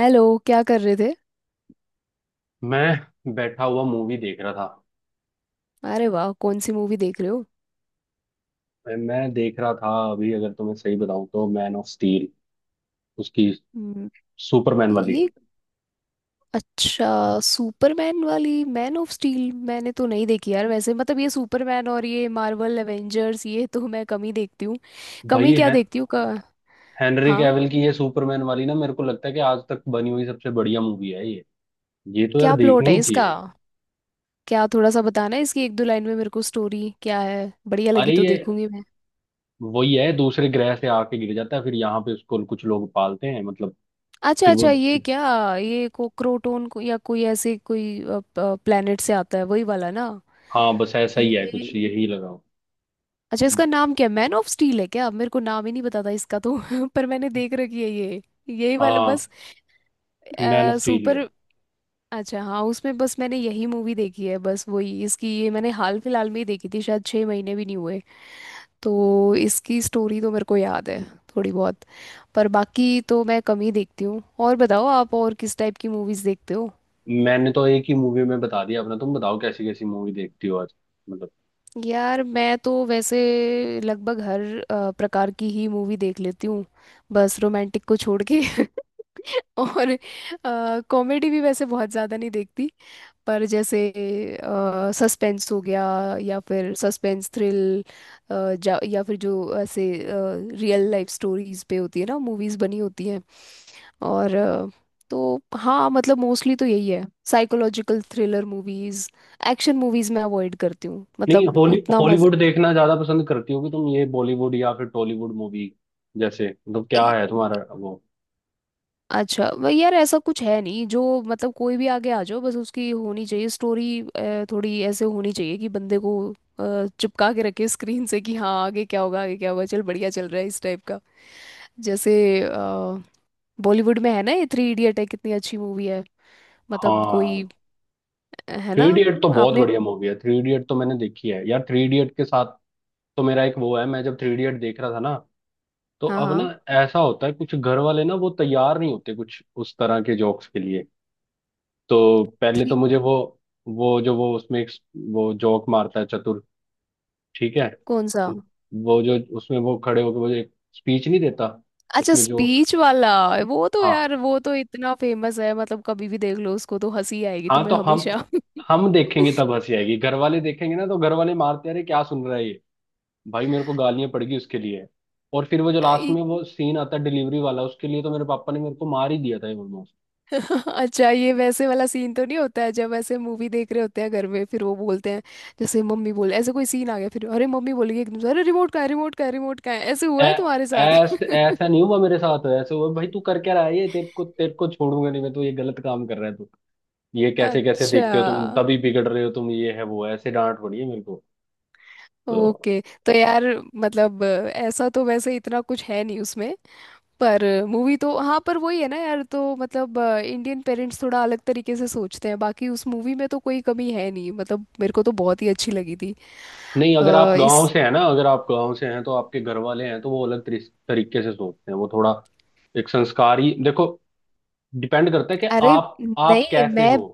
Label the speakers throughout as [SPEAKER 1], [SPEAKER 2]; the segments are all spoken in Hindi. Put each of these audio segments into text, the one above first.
[SPEAKER 1] हेलो, क्या कर रहे थे?
[SPEAKER 2] मैं बैठा हुआ मूवी देख रहा था।
[SPEAKER 1] अरे वाह, कौन सी मूवी देख रहे हो?
[SPEAKER 2] मैं देख रहा था अभी, अगर तुम्हें सही बताऊं तो मैन ऑफ स्टील उसकी
[SPEAKER 1] हम्म।
[SPEAKER 2] सुपरमैन वाली।
[SPEAKER 1] ये अच्छा। सुपरमैन वाली मैन ऑफ स्टील मैंने तो नहीं देखी यार, वैसे मतलब ये सुपरमैन और ये मार्वल एवेंजर्स ये तो मैं कम ही देखती हूँ। कम
[SPEAKER 2] भाई
[SPEAKER 1] ही क्या
[SPEAKER 2] है,
[SPEAKER 1] देखती हूँ का।
[SPEAKER 2] हेनरी
[SPEAKER 1] हाँ।
[SPEAKER 2] कैविल की ये सुपरमैन वाली ना, मेरे को लगता है कि आज तक बनी हुई सबसे बढ़िया मूवी है ये। ये तो यार
[SPEAKER 1] क्या प्लॉट
[SPEAKER 2] देखनी
[SPEAKER 1] है
[SPEAKER 2] ही
[SPEAKER 1] इसका?
[SPEAKER 2] चाहिए।
[SPEAKER 1] क्या थोड़ा सा बताना है, इसकी 1-2 लाइन में मेरे को स्टोरी क्या है, बढ़िया
[SPEAKER 2] अरे
[SPEAKER 1] लगी तो
[SPEAKER 2] ये
[SPEAKER 1] देखूंगी मैं।
[SPEAKER 2] वही है, दूसरे ग्रह से आके गिर जाता है, फिर यहाँ पे उसको कुछ लोग पालते हैं, मतलब
[SPEAKER 1] अच्छा
[SPEAKER 2] फिर वो।
[SPEAKER 1] अच्छा, ये क्या, ये कोक्रोटोन को, या कोई ऐसे कोई प्लेनेट से आता है, वही वाला ना?
[SPEAKER 2] हाँ बस ऐसा ही
[SPEAKER 1] ये
[SPEAKER 2] है कुछ, यही लगाओ।
[SPEAKER 1] अच्छा, इसका नाम क्या है, मैन ऑफ स्टील है क्या? मेरे को नाम ही नहीं पता था इसका तो पर मैंने देख रखी है ये, यही वाला
[SPEAKER 2] हाँ,
[SPEAKER 1] बस।
[SPEAKER 2] मैन ऑफ स्टील
[SPEAKER 1] सुपर
[SPEAKER 2] है।
[SPEAKER 1] अच्छा हाँ, उसमें बस मैंने यही मूवी देखी है, बस वही। इसकी ये मैंने हाल फिलहाल में ही देखी थी, शायद 6 महीने भी नहीं हुए, तो इसकी स्टोरी तो मेरे को याद है, थोड़ी बहुत। पर बाकी तो मैं कम ही देखती हूँ। और बताओ, आप और किस टाइप की मूवीज़ देखते हो?
[SPEAKER 2] मैंने तो एक ही मूवी में बता दिया अपना, तुम बताओ कैसी कैसी मूवी देखती हो आज, मतलब।
[SPEAKER 1] यार मैं तो वैसे लगभग हर प्रकार की ही मूवी देख लेती हूँ, बस रोमांटिक को छोड़ के। और कॉमेडी भी वैसे बहुत ज़्यादा नहीं देखती, पर जैसे सस्पेंस हो गया, या फिर सस्पेंस थ्रिल, या फिर जो ऐसे रियल लाइफ स्टोरीज पे होती है ना मूवीज़ बनी होती हैं, और तो हाँ मतलब मोस्टली तो यही है, psychological thriller movies. Action movies मैं अवॉइड करती हूँ,
[SPEAKER 2] नहीं,
[SPEAKER 1] मतलब
[SPEAKER 2] हॉली
[SPEAKER 1] उतना मज़ा
[SPEAKER 2] हॉलीवुड देखना ज्यादा पसंद करती हो कि तुम ये बॉलीवुड या फिर टॉलीवुड मूवी? जैसे, मतलब क्या है तुम्हारा वो?
[SPEAKER 1] अच्छा वो। यार ऐसा कुछ है नहीं जो, मतलब कोई भी आगे आ जाओ, बस उसकी होनी चाहिए स्टोरी। थोड़ी ऐसे होनी चाहिए कि बंदे को चिपका के रखे स्क्रीन से, कि हाँ आगे क्या होगा, आगे क्या होगा, चल बढ़िया चल रहा है, इस टाइप का। जैसे बॉलीवुड में है ना, ये थ्री इडियट है, कितनी अच्छी मूवी है। मतलब
[SPEAKER 2] हाँ,
[SPEAKER 1] कोई है
[SPEAKER 2] थ्री
[SPEAKER 1] ना।
[SPEAKER 2] इडियट तो बहुत
[SPEAKER 1] आपने
[SPEAKER 2] बढ़िया मूवी है। थ्री इडियट तो मैंने देखी है यार। थ्री इडियट के साथ तो मेरा एक वो है, मैं जब थ्री इडियट देख रहा था ना, तो
[SPEAKER 1] हाँ
[SPEAKER 2] अब ना,
[SPEAKER 1] हाँ।
[SPEAKER 2] ऐसा होता है कुछ, घर वाले ना वो तैयार नहीं होते कुछ उस तरह के जोक्स के लिए। तो पहले
[SPEAKER 1] थ्री
[SPEAKER 2] तो मुझे वो जो वो उसमें एक वो जोक मारता है चतुर, ठीक है,
[SPEAKER 1] कौन सा?
[SPEAKER 2] उ- वो जो उसमें वो खड़े होकर वो जो एक स्पीच नहीं देता,
[SPEAKER 1] अच्छा,
[SPEAKER 2] उसमें जो।
[SPEAKER 1] स्पीच वाला, वो तो
[SPEAKER 2] हाँ
[SPEAKER 1] यार वो तो इतना फेमस है, मतलब कभी भी देख लो उसको तो हंसी आएगी
[SPEAKER 2] हाँ, तो
[SPEAKER 1] तुम्हें हमेशा।
[SPEAKER 2] हम देखेंगे तब हंसी आएगी, घर वाले देखेंगे ना, तो घर वाले मारते, अरे क्या सुन रहा है ये! भाई मेरे को गालियां पड़गी उसके लिए। और फिर वो जो लास्ट में वो सीन आता है डिलीवरी वाला, उसके लिए तो मेरे पापा ने मेरे को मार ही दिया था ऑलमोस्ट।
[SPEAKER 1] अच्छा, ये वैसे वाला सीन तो नहीं होता है, जब ऐसे मूवी देख रहे होते हैं घर में, फिर वो बोलते हैं? जैसे मम्मी बोले, ऐसे कोई सीन आ गया फिर अरे, मम्मी बोलेगी एकदम से, अरे रिमोट कहाँ है, रिमोट कहाँ है, रिमोट कहाँ है, ऐसे हुआ है तुम्हारे साथ?
[SPEAKER 2] ऐसा ऐसा नहीं हुआ मेरे साथ, ऐसे हुआ, भाई तू कर क्या रहा है ये, तेरे को छोड़ूंगा नहीं मैं तो, ये गलत काम कर रहा है तू, ये कैसे कैसे
[SPEAKER 1] अच्छा।
[SPEAKER 2] देखते हो तुम, तभी बिगड़ रहे हो तुम, ये है वो है, ऐसे डांट पड़ी है मेरे को। तो
[SPEAKER 1] ओके। तो यार, मतलब ऐसा तो वैसे इतना कुछ है नहीं उसमें, पर मूवी तो हाँ, पर वही है ना यार, तो मतलब इंडियन पेरेंट्स थोड़ा अलग तरीके से सोचते हैं, बाकी उस मूवी में तो कोई कमी है नहीं, मतलब मेरे को तो बहुत ही अच्छी लगी थी।
[SPEAKER 2] नहीं, अगर आप
[SPEAKER 1] अ,
[SPEAKER 2] गांव
[SPEAKER 1] इस
[SPEAKER 2] से हैं ना, अगर आप गांव से हैं तो आपके घर वाले हैं तो वो अलग तरीके से सोचते हैं। वो थोड़ा एक संस्कारी देखो, डिपेंड करता है कि
[SPEAKER 1] अरे
[SPEAKER 2] आप
[SPEAKER 1] नहीं,
[SPEAKER 2] कैसे
[SPEAKER 1] मैं
[SPEAKER 2] हो।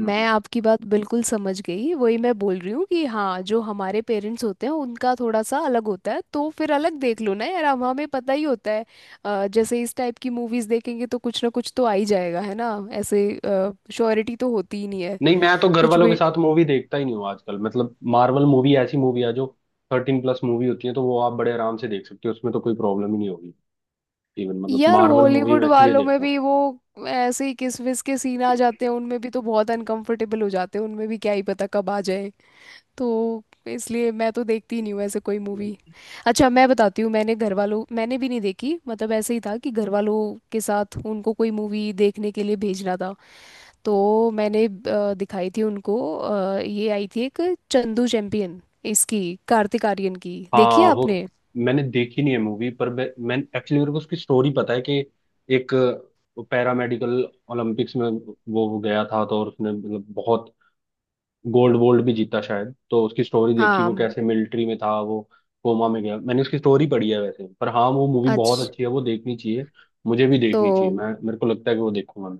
[SPEAKER 2] हम्म,
[SPEAKER 1] मैं
[SPEAKER 2] हम्म।
[SPEAKER 1] आपकी बात बिल्कुल समझ गई, वही मैं बोल रही हूँ कि हाँ जो हमारे पेरेंट्स होते हैं उनका थोड़ा सा अलग होता है, तो फिर अलग देख लो ना यार, हम हमें पता ही होता है। जैसे इस टाइप की मूवीज देखेंगे तो कुछ ना कुछ तो आ ही जाएगा, है ना, ऐसे श्योरिटी तो होती ही नहीं है।
[SPEAKER 2] नहीं, मैं तो घर
[SPEAKER 1] कुछ
[SPEAKER 2] वालों के
[SPEAKER 1] भी।
[SPEAKER 2] साथ मूवी देखता ही नहीं हूँ आजकल। मतलब मार्वल मूवी ऐसी मूवी है जो 13+ मूवी होती है, तो वो आप बड़े आराम से देख सकते हो, उसमें तो कोई प्रॉब्लम ही नहीं होगी। इवन, मतलब
[SPEAKER 1] यार
[SPEAKER 2] मार्वल मूवी
[SPEAKER 1] हॉलीवुड
[SPEAKER 2] मैं इसलिए
[SPEAKER 1] वालों में
[SPEAKER 2] देखता
[SPEAKER 1] भी वो ऐसे ही किस विस के सीन आ जाते हैं उनमें भी, तो बहुत अनकंफर्टेबल हो जाते हैं, उनमें भी क्या ही पता कब आ जाए, तो इसलिए मैं तो देखती ही नहीं हूँ ऐसे कोई मूवी।
[SPEAKER 2] हूँ।
[SPEAKER 1] अच्छा, मैं बताती हूँ, मैंने घर वालों, मैंने भी नहीं देखी, मतलब ऐसे ही था कि घर वालों के साथ उनको कोई मूवी देखने के लिए भेजना था, तो मैंने दिखाई थी उनको, ये आई थी एक, चंदू चैंपियन, इसकी, कार्तिक आर्यन की, देखी है
[SPEAKER 2] हाँ वो,
[SPEAKER 1] आपने?
[SPEAKER 2] मैंने देखी नहीं है मूवी, पर मैं एक्चुअली, मेरे को उसकी स्टोरी पता है कि एक पैरामेडिकल ओलंपिक्स में वो गया था तो, और उसने मतलब बहुत गोल्ड वोल्ड भी जीता शायद। तो उसकी स्टोरी देखी,
[SPEAKER 1] हाँ।
[SPEAKER 2] वो कैसे मिलिट्री में था, वो कोमा में गया। मैंने उसकी स्टोरी पढ़ी है वैसे, पर हाँ वो मूवी बहुत
[SPEAKER 1] अच्छा।
[SPEAKER 2] अच्छी है, वो देखनी चाहिए। मुझे भी
[SPEAKER 1] तो
[SPEAKER 2] देखनी चाहिए, मैं, मेरे को लगता है कि वो देखूंगा मैं।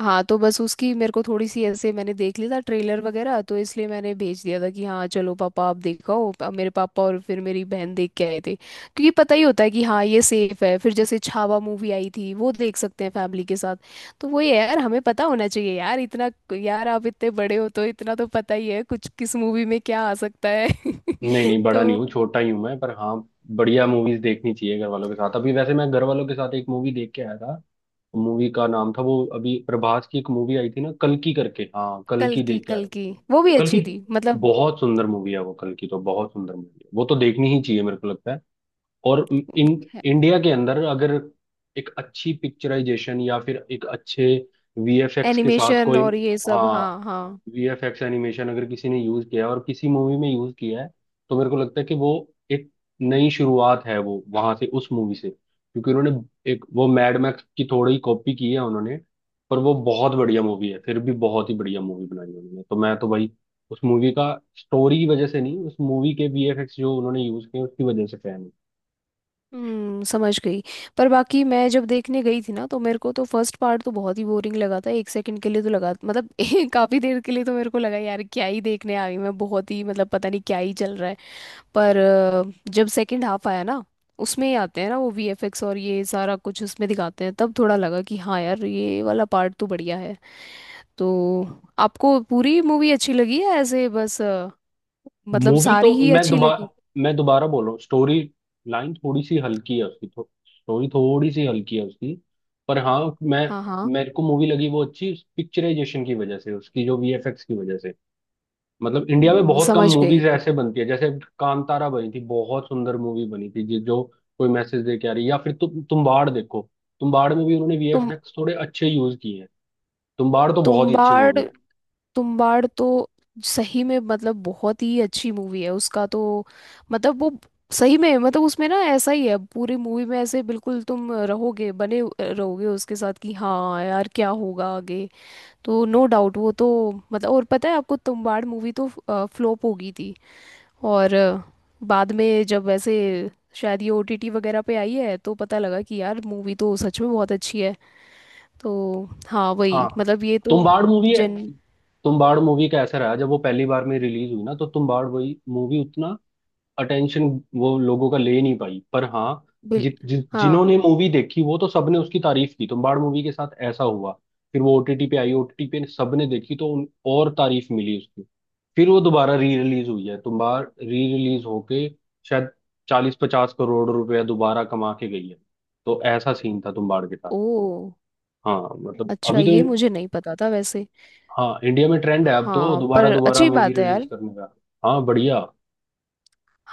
[SPEAKER 1] हाँ, तो बस उसकी मेरे को थोड़ी सी ऐसे, मैंने देख लिया था ट्रेलर वगैरह, तो इसलिए मैंने भेज दिया था कि हाँ चलो पापा आप देखो, अब मेरे पापा और फिर मेरी बहन देख के आए थे, क्योंकि पता ही होता है कि हाँ ये सेफ है। फिर जैसे छावा मूवी आई थी, वो देख सकते हैं फैमिली के साथ। तो वही है यार, हमें पता होना चाहिए यार इतना, यार आप इतने बड़े हो तो इतना तो पता ही है कुछ, किस मूवी में क्या आ सकता है।
[SPEAKER 2] नहीं नहीं, बड़ा नहीं
[SPEAKER 1] तो
[SPEAKER 2] हूँ, छोटा ही हूँ मैं, पर हाँ, बढ़िया मूवीज देखनी चाहिए घर वालों के साथ। अभी वैसे मैं घर वालों के साथ एक मूवी देख के आया था, मूवी का नाम था वो, अभी प्रभास की एक मूवी आई थी ना कल्कि करके, हाँ,
[SPEAKER 1] कल
[SPEAKER 2] कल्कि
[SPEAKER 1] की
[SPEAKER 2] देख के आया
[SPEAKER 1] कल
[SPEAKER 2] हूँ।
[SPEAKER 1] की वो भी
[SPEAKER 2] कल्कि
[SPEAKER 1] अच्छी थी मतलब,
[SPEAKER 2] बहुत सुंदर मूवी है वो। कल्कि तो बहुत सुंदर मूवी है, वो तो देखनी ही चाहिए मेरे को लगता है। और इन इंडिया के अंदर अगर एक अच्छी पिक्चराइजेशन या फिर एक अच्छे वीएफएक्स के साथ
[SPEAKER 1] एनिमेशन
[SPEAKER 2] कोई।
[SPEAKER 1] और ये सब, हाँ
[SPEAKER 2] हाँ,
[SPEAKER 1] हाँ।
[SPEAKER 2] वीएफएक्स एनिमेशन अगर किसी ने यूज किया है और किसी मूवी में यूज किया है, तो मेरे को लगता है कि वो एक नई शुरुआत है वो, वहां से उस मूवी से। क्योंकि उन्होंने एक वो मैड मैक्स की थोड़ी कॉपी की है उन्होंने, पर वो बहुत बढ़िया मूवी है फिर भी। बहुत ही बढ़िया मूवी बनाई उन्होंने, तो मैं तो भाई उस मूवी का स्टोरी की वजह से नहीं, उस मूवी के वीएफएक्स जो उन्होंने यूज किए उसकी वजह से फैन हूँ।
[SPEAKER 1] समझ गई। पर बाकी मैं जब देखने गई थी ना, तो मेरे को तो फर्स्ट पार्ट तो बहुत ही बोरिंग लगा था, 1 सेकंड के लिए तो लगा मतलब काफी देर के लिए तो मेरे को लगा यार क्या ही देखने आ गई मैं, बहुत ही मतलब पता नहीं क्या ही चल रहा है। पर जब सेकंड हाफ आया ना, उसमें ही आते हैं ना वो वीएफएक्स और ये सारा कुछ उसमें दिखाते हैं, तब थोड़ा लगा कि हाँ यार ये वाला पार्ट तो बढ़िया है। तो आपको पूरी मूवी अच्छी लगी या ऐसे बस मतलब
[SPEAKER 2] मूवी तो
[SPEAKER 1] सारी ही अच्छी लगी?
[SPEAKER 2] मैं दोबारा बोल रहा हूँ, स्टोरी लाइन थोड़ी सी हल्की है उसकी, स्टोरी थोड़ी सी हल्की है उसकी, पर हाँ, मैं
[SPEAKER 1] हाँ हाँ।
[SPEAKER 2] मेरे को मूवी लगी वो अच्छी, पिक्चराइजेशन की वजह से उसकी, जो वीएफएक्स की वजह से। मतलब इंडिया में बहुत कम
[SPEAKER 1] समझ गई।
[SPEAKER 2] मूवीज ऐसे बनती है, जैसे कांतारा बनी थी, बहुत सुंदर मूवी बनी थी, जो कोई मैसेज दे के आ रही है। या फिर तुम्बाड़ देखो, तुम्बाड़ में भी उन्होंने
[SPEAKER 1] तो
[SPEAKER 2] वीएफएक्स थोड़े अच्छे यूज किए हैं। तुम्बाड़ तो बहुत ही अच्छी
[SPEAKER 1] तुम्बाड़,
[SPEAKER 2] मूवी है।
[SPEAKER 1] तुम्बाड़ तो सही में मतलब बहुत ही अच्छी मूवी है, उसका तो मतलब वो सही में मतलब उसमें ना ऐसा ही है, पूरी मूवी में ऐसे बिल्कुल तुम रहोगे, रहोगे उसके साथ कि हाँ यार क्या होगा आगे। तो नो डाउट वो तो मतलब, और पता है आपको तुम्बाड़ मूवी तो फ्लॉप हो गई थी, और बाद में जब ऐसे शायद ये ओटीटी वगैरह पे आई है, तो पता लगा कि यार मूवी तो सच में बहुत अच्छी है। तो हाँ वही
[SPEAKER 2] हाँ,
[SPEAKER 1] मतलब, ये तो
[SPEAKER 2] तुम्बाड़ मूवी है।
[SPEAKER 1] जन
[SPEAKER 2] तुम्बाड़ मूवी का ऐसा रहा, जब वो पहली बार में रिलीज हुई ना, तो तुम्बाड़ वही मूवी उतना अटेंशन वो लोगों का ले नहीं पाई, पर हाँ,
[SPEAKER 1] बिल
[SPEAKER 2] जि, जि,
[SPEAKER 1] हाँ।
[SPEAKER 2] जिन्होंने मूवी देखी वो तो सबने उसकी तारीफ की। तुम्बाड़ मूवी के साथ ऐसा हुआ, फिर वो ओटीटी पे आई, ओटीटी पे सबने देखी तो और तारीफ मिली उसकी। फिर वो दोबारा री रिलीज हुई है, तुम्बाड़ री रिलीज होके शायद 40-50 करोड़ रुपया दोबारा कमा के गई है। तो ऐसा सीन था तुम्बाड़ के साथ।
[SPEAKER 1] ओ,
[SPEAKER 2] हाँ मतलब
[SPEAKER 1] अच्छा,
[SPEAKER 2] अभी तो,
[SPEAKER 1] ये मुझे नहीं पता था वैसे।
[SPEAKER 2] हाँ, इंडिया में ट्रेंड है अब तो
[SPEAKER 1] हाँ पर
[SPEAKER 2] दोबारा दोबारा
[SPEAKER 1] अच्छी
[SPEAKER 2] मूवी
[SPEAKER 1] बात है
[SPEAKER 2] रिलीज
[SPEAKER 1] यार।
[SPEAKER 2] करने का। हाँ बढ़िया।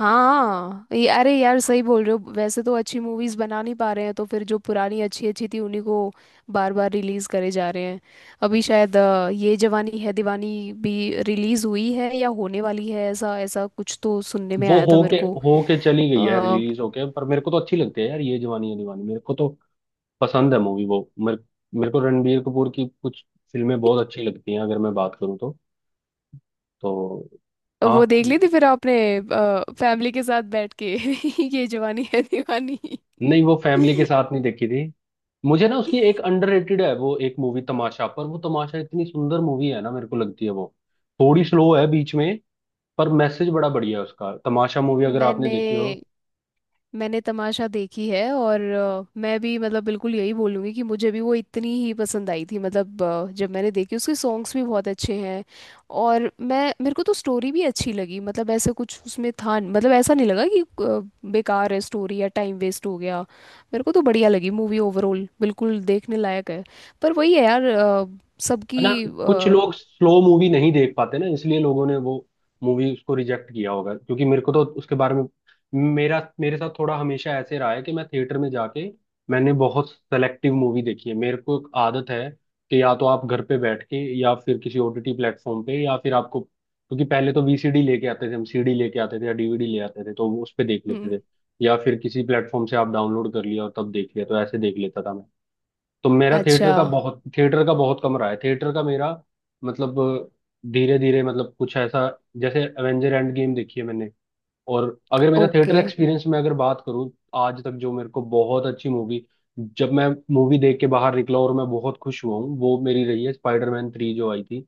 [SPEAKER 1] हाँ, ये अरे यार सही बोल रहे हो, वैसे तो अच्छी मूवीज बना नहीं पा रहे हैं, तो फिर जो पुरानी अच्छी अच्छी थी उन्हीं को बार बार रिलीज करे जा रहे हैं। अभी शायद ये जवानी है दीवानी भी रिलीज हुई है या होने वाली है, ऐसा ऐसा कुछ तो सुनने में
[SPEAKER 2] वो
[SPEAKER 1] आया था मेरे
[SPEAKER 2] होके
[SPEAKER 1] को।
[SPEAKER 2] होके चली गई है
[SPEAKER 1] अ,
[SPEAKER 2] रिलीज होके, पर मेरे को तो अच्छी लगती है यार ये जवानी है दीवानी, मेरे को तो पसंद है मूवी वो। मेरे मेरे को रणबीर कपूर की कुछ फिल्में बहुत अच्छी लगती हैं, अगर मैं बात करूँ तो तो।
[SPEAKER 1] वो
[SPEAKER 2] हाँ।
[SPEAKER 1] देख ली थी फिर आपने, फैमिली के साथ बैठ के ये जवानी है दीवानी?
[SPEAKER 2] नहीं, वो फैमिली के साथ नहीं देखी थी। मुझे ना उसकी एक अंडररेटेड है वो एक मूवी, तमाशा। पर वो तमाशा इतनी सुंदर मूवी है ना, मेरे को लगती है वो, थोड़ी स्लो है बीच में, पर मैसेज बड़ा बढ़िया है उसका। तमाशा मूवी अगर आपने
[SPEAKER 1] मैंने
[SPEAKER 2] देखी हो,
[SPEAKER 1] मैंने तमाशा देखी है, और मैं भी मतलब बिल्कुल यही बोलूँगी कि मुझे भी वो इतनी ही पसंद आई थी मतलब, जब मैंने देखी उसके सॉन्ग्स भी बहुत अच्छे हैं, और मैं मेरे को तो स्टोरी भी अच्छी लगी मतलब, ऐसा कुछ उसमें था न- मतलब ऐसा नहीं लगा कि बेकार है स्टोरी या टाइम वेस्ट हो गया, मेरे को तो बढ़िया लगी मूवी ओवरऑल, बिल्कुल देखने लायक है। पर वही है यार,
[SPEAKER 2] है ना।
[SPEAKER 1] सबकी
[SPEAKER 2] कुछ
[SPEAKER 1] अ,
[SPEAKER 2] लोग स्लो मूवी नहीं देख पाते ना, इसलिए लोगों ने वो मूवी उसको रिजेक्ट किया होगा। क्योंकि मेरे को तो उसके बारे में, मेरा, मेरे साथ थोड़ा हमेशा ऐसे रहा है कि मैं थिएटर में जाके मैंने बहुत सेलेक्टिव मूवी देखी है। मेरे को एक आदत है कि या तो आप घर पे बैठ के, या फिर किसी ओटीटी प्लेटफॉर्म पे, या फिर आपको, क्योंकि पहले तो वीसीडी लेके आते थे हम, सीडी लेके आते थे, या डीवीडी ले आते थे तो वो उस पे देख
[SPEAKER 1] हम्म।
[SPEAKER 2] लेते थे, या फिर किसी प्लेटफॉर्म से आप डाउनलोड कर लिया और तब देख लिया, तो ऐसे देख लेता था मैं। तो मेरा
[SPEAKER 1] अच्छा
[SPEAKER 2] थिएटर का बहुत कम रहा है, थिएटर का मेरा, मतलब धीरे धीरे, मतलब कुछ ऐसा, जैसे एवेंजर एंड गेम देखी है मैंने। और अगर मेरा थिएटर
[SPEAKER 1] ओके।
[SPEAKER 2] एक्सपीरियंस में अगर बात करूँ, आज तक जो मेरे को बहुत अच्छी मूवी, जब मैं मूवी देख के बाहर निकला और मैं बहुत खुश हुआ हूँ, वो मेरी रही है स्पाइडरमैन थ्री जो आई थी,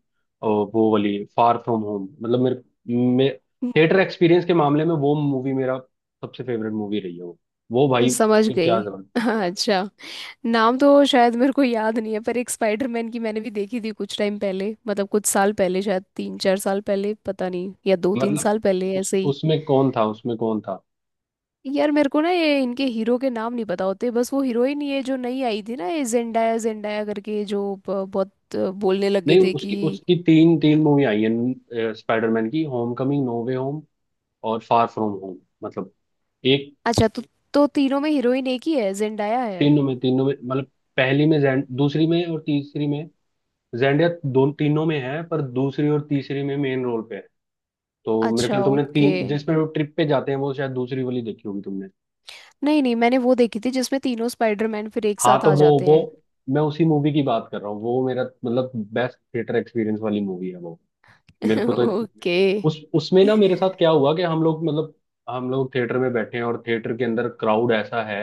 [SPEAKER 2] और वो वाली फार फ्रॉम होम। मतलब मेरे, मे, थिएटर एक्सपीरियंस के मामले में वो मूवी मेरा सबसे फेवरेट मूवी रही है वो। वो भाई,
[SPEAKER 1] समझ
[SPEAKER 2] क्या
[SPEAKER 1] गई।
[SPEAKER 2] जबरदस्त!
[SPEAKER 1] अच्छा। नाम तो शायद मेरे को याद नहीं है, पर एक स्पाइडरमैन की मैंने भी देखी थी कुछ टाइम पहले, मतलब कुछ साल पहले, शायद 3-4 साल पहले, पता नहीं, या दो तीन
[SPEAKER 2] मतलब
[SPEAKER 1] साल पहले
[SPEAKER 2] उस
[SPEAKER 1] ऐसे ही।
[SPEAKER 2] उसमें कौन था, उसमें कौन था?
[SPEAKER 1] यार मेरे को ना ये इनके हीरो के नाम नहीं पता होते, बस वो हीरोइन ये जो नई आई थी ना, ये जेंडाया जेंडाया करके जो बहुत बोलने लगे
[SPEAKER 2] नहीं,
[SPEAKER 1] थे कि
[SPEAKER 2] उसकी उसकी 3 3 मूवी आई है स्पाइडरमैन की, homecoming, no way home, और फार फ्रॉम होम। मतलब एक,
[SPEAKER 1] अच्छा। तो तीनों में हीरोइन एक ही है, जेंडाया है।
[SPEAKER 2] तीनों में, तीनों में मतलब, पहली में जैन, दूसरी में और तीसरी में जेंडिया दो, तीनों में है पर दूसरी और तीसरी में मेन रोल पे है। तो मेरे
[SPEAKER 1] अच्छा,
[SPEAKER 2] ख्याल तुमने
[SPEAKER 1] ओके।
[SPEAKER 2] तीन जिसमें वो ट्रिप पे जाते हैं वो शायद दूसरी वाली देखी होगी तुमने।
[SPEAKER 1] नहीं नहीं, मैंने वो देखी थी जिसमें तीनों स्पाइडरमैन फिर एक
[SPEAKER 2] हाँ
[SPEAKER 1] साथ
[SPEAKER 2] तो
[SPEAKER 1] आ
[SPEAKER 2] वो
[SPEAKER 1] जाते
[SPEAKER 2] वो
[SPEAKER 1] हैं।
[SPEAKER 2] मैं उसी मूवी की बात कर रहा हूँ। वो मेरा मतलब बेस्ट थिएटर एक्सपीरियंस वाली मूवी है वो, मेरे को तो।
[SPEAKER 1] ओके।
[SPEAKER 2] उस उसमें ना मेरे साथ क्या हुआ कि हम लोग, मतलब हम लोग थिएटर में बैठे हैं और थिएटर के अंदर क्राउड ऐसा है,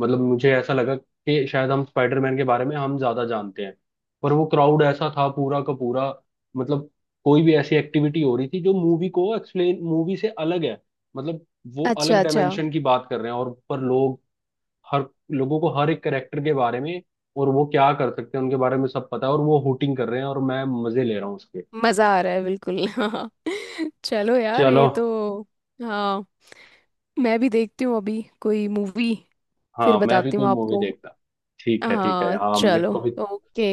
[SPEAKER 2] मतलब मुझे ऐसा लगा कि शायद हम स्पाइडरमैन के बारे में हम ज्यादा जानते हैं, पर वो क्राउड ऐसा था पूरा का पूरा, मतलब कोई भी ऐसी एक्टिविटी हो रही थी जो मूवी को एक्सप्लेन, मूवी से अलग है, मतलब वो
[SPEAKER 1] अच्छा
[SPEAKER 2] अलग
[SPEAKER 1] अच्छा,
[SPEAKER 2] डायमेंशन की बात कर रहे हैं और पर लोग, हर लोगों को हर एक करेक्टर के बारे में और वो क्या कर सकते हैं उनके बारे में सब पता है, और वो हुटिंग कर रहे हैं और मैं मजे ले रहा हूँ उसके।
[SPEAKER 1] मजा आ रहा है बिल्कुल। हाँ चलो यार,
[SPEAKER 2] चलो,
[SPEAKER 1] ये तो हाँ, मैं भी देखती हूँ अभी कोई मूवी, फिर
[SPEAKER 2] हाँ, मैं भी
[SPEAKER 1] बताती
[SPEAKER 2] कोई
[SPEAKER 1] हूँ
[SPEAKER 2] मूवी
[SPEAKER 1] आपको।
[SPEAKER 2] देखता। ठीक है ठीक है,
[SPEAKER 1] हाँ
[SPEAKER 2] हाँ, मेरे
[SPEAKER 1] चलो।
[SPEAKER 2] को भी।
[SPEAKER 1] ओके।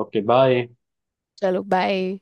[SPEAKER 2] Okay, bye.
[SPEAKER 1] चलो बाय।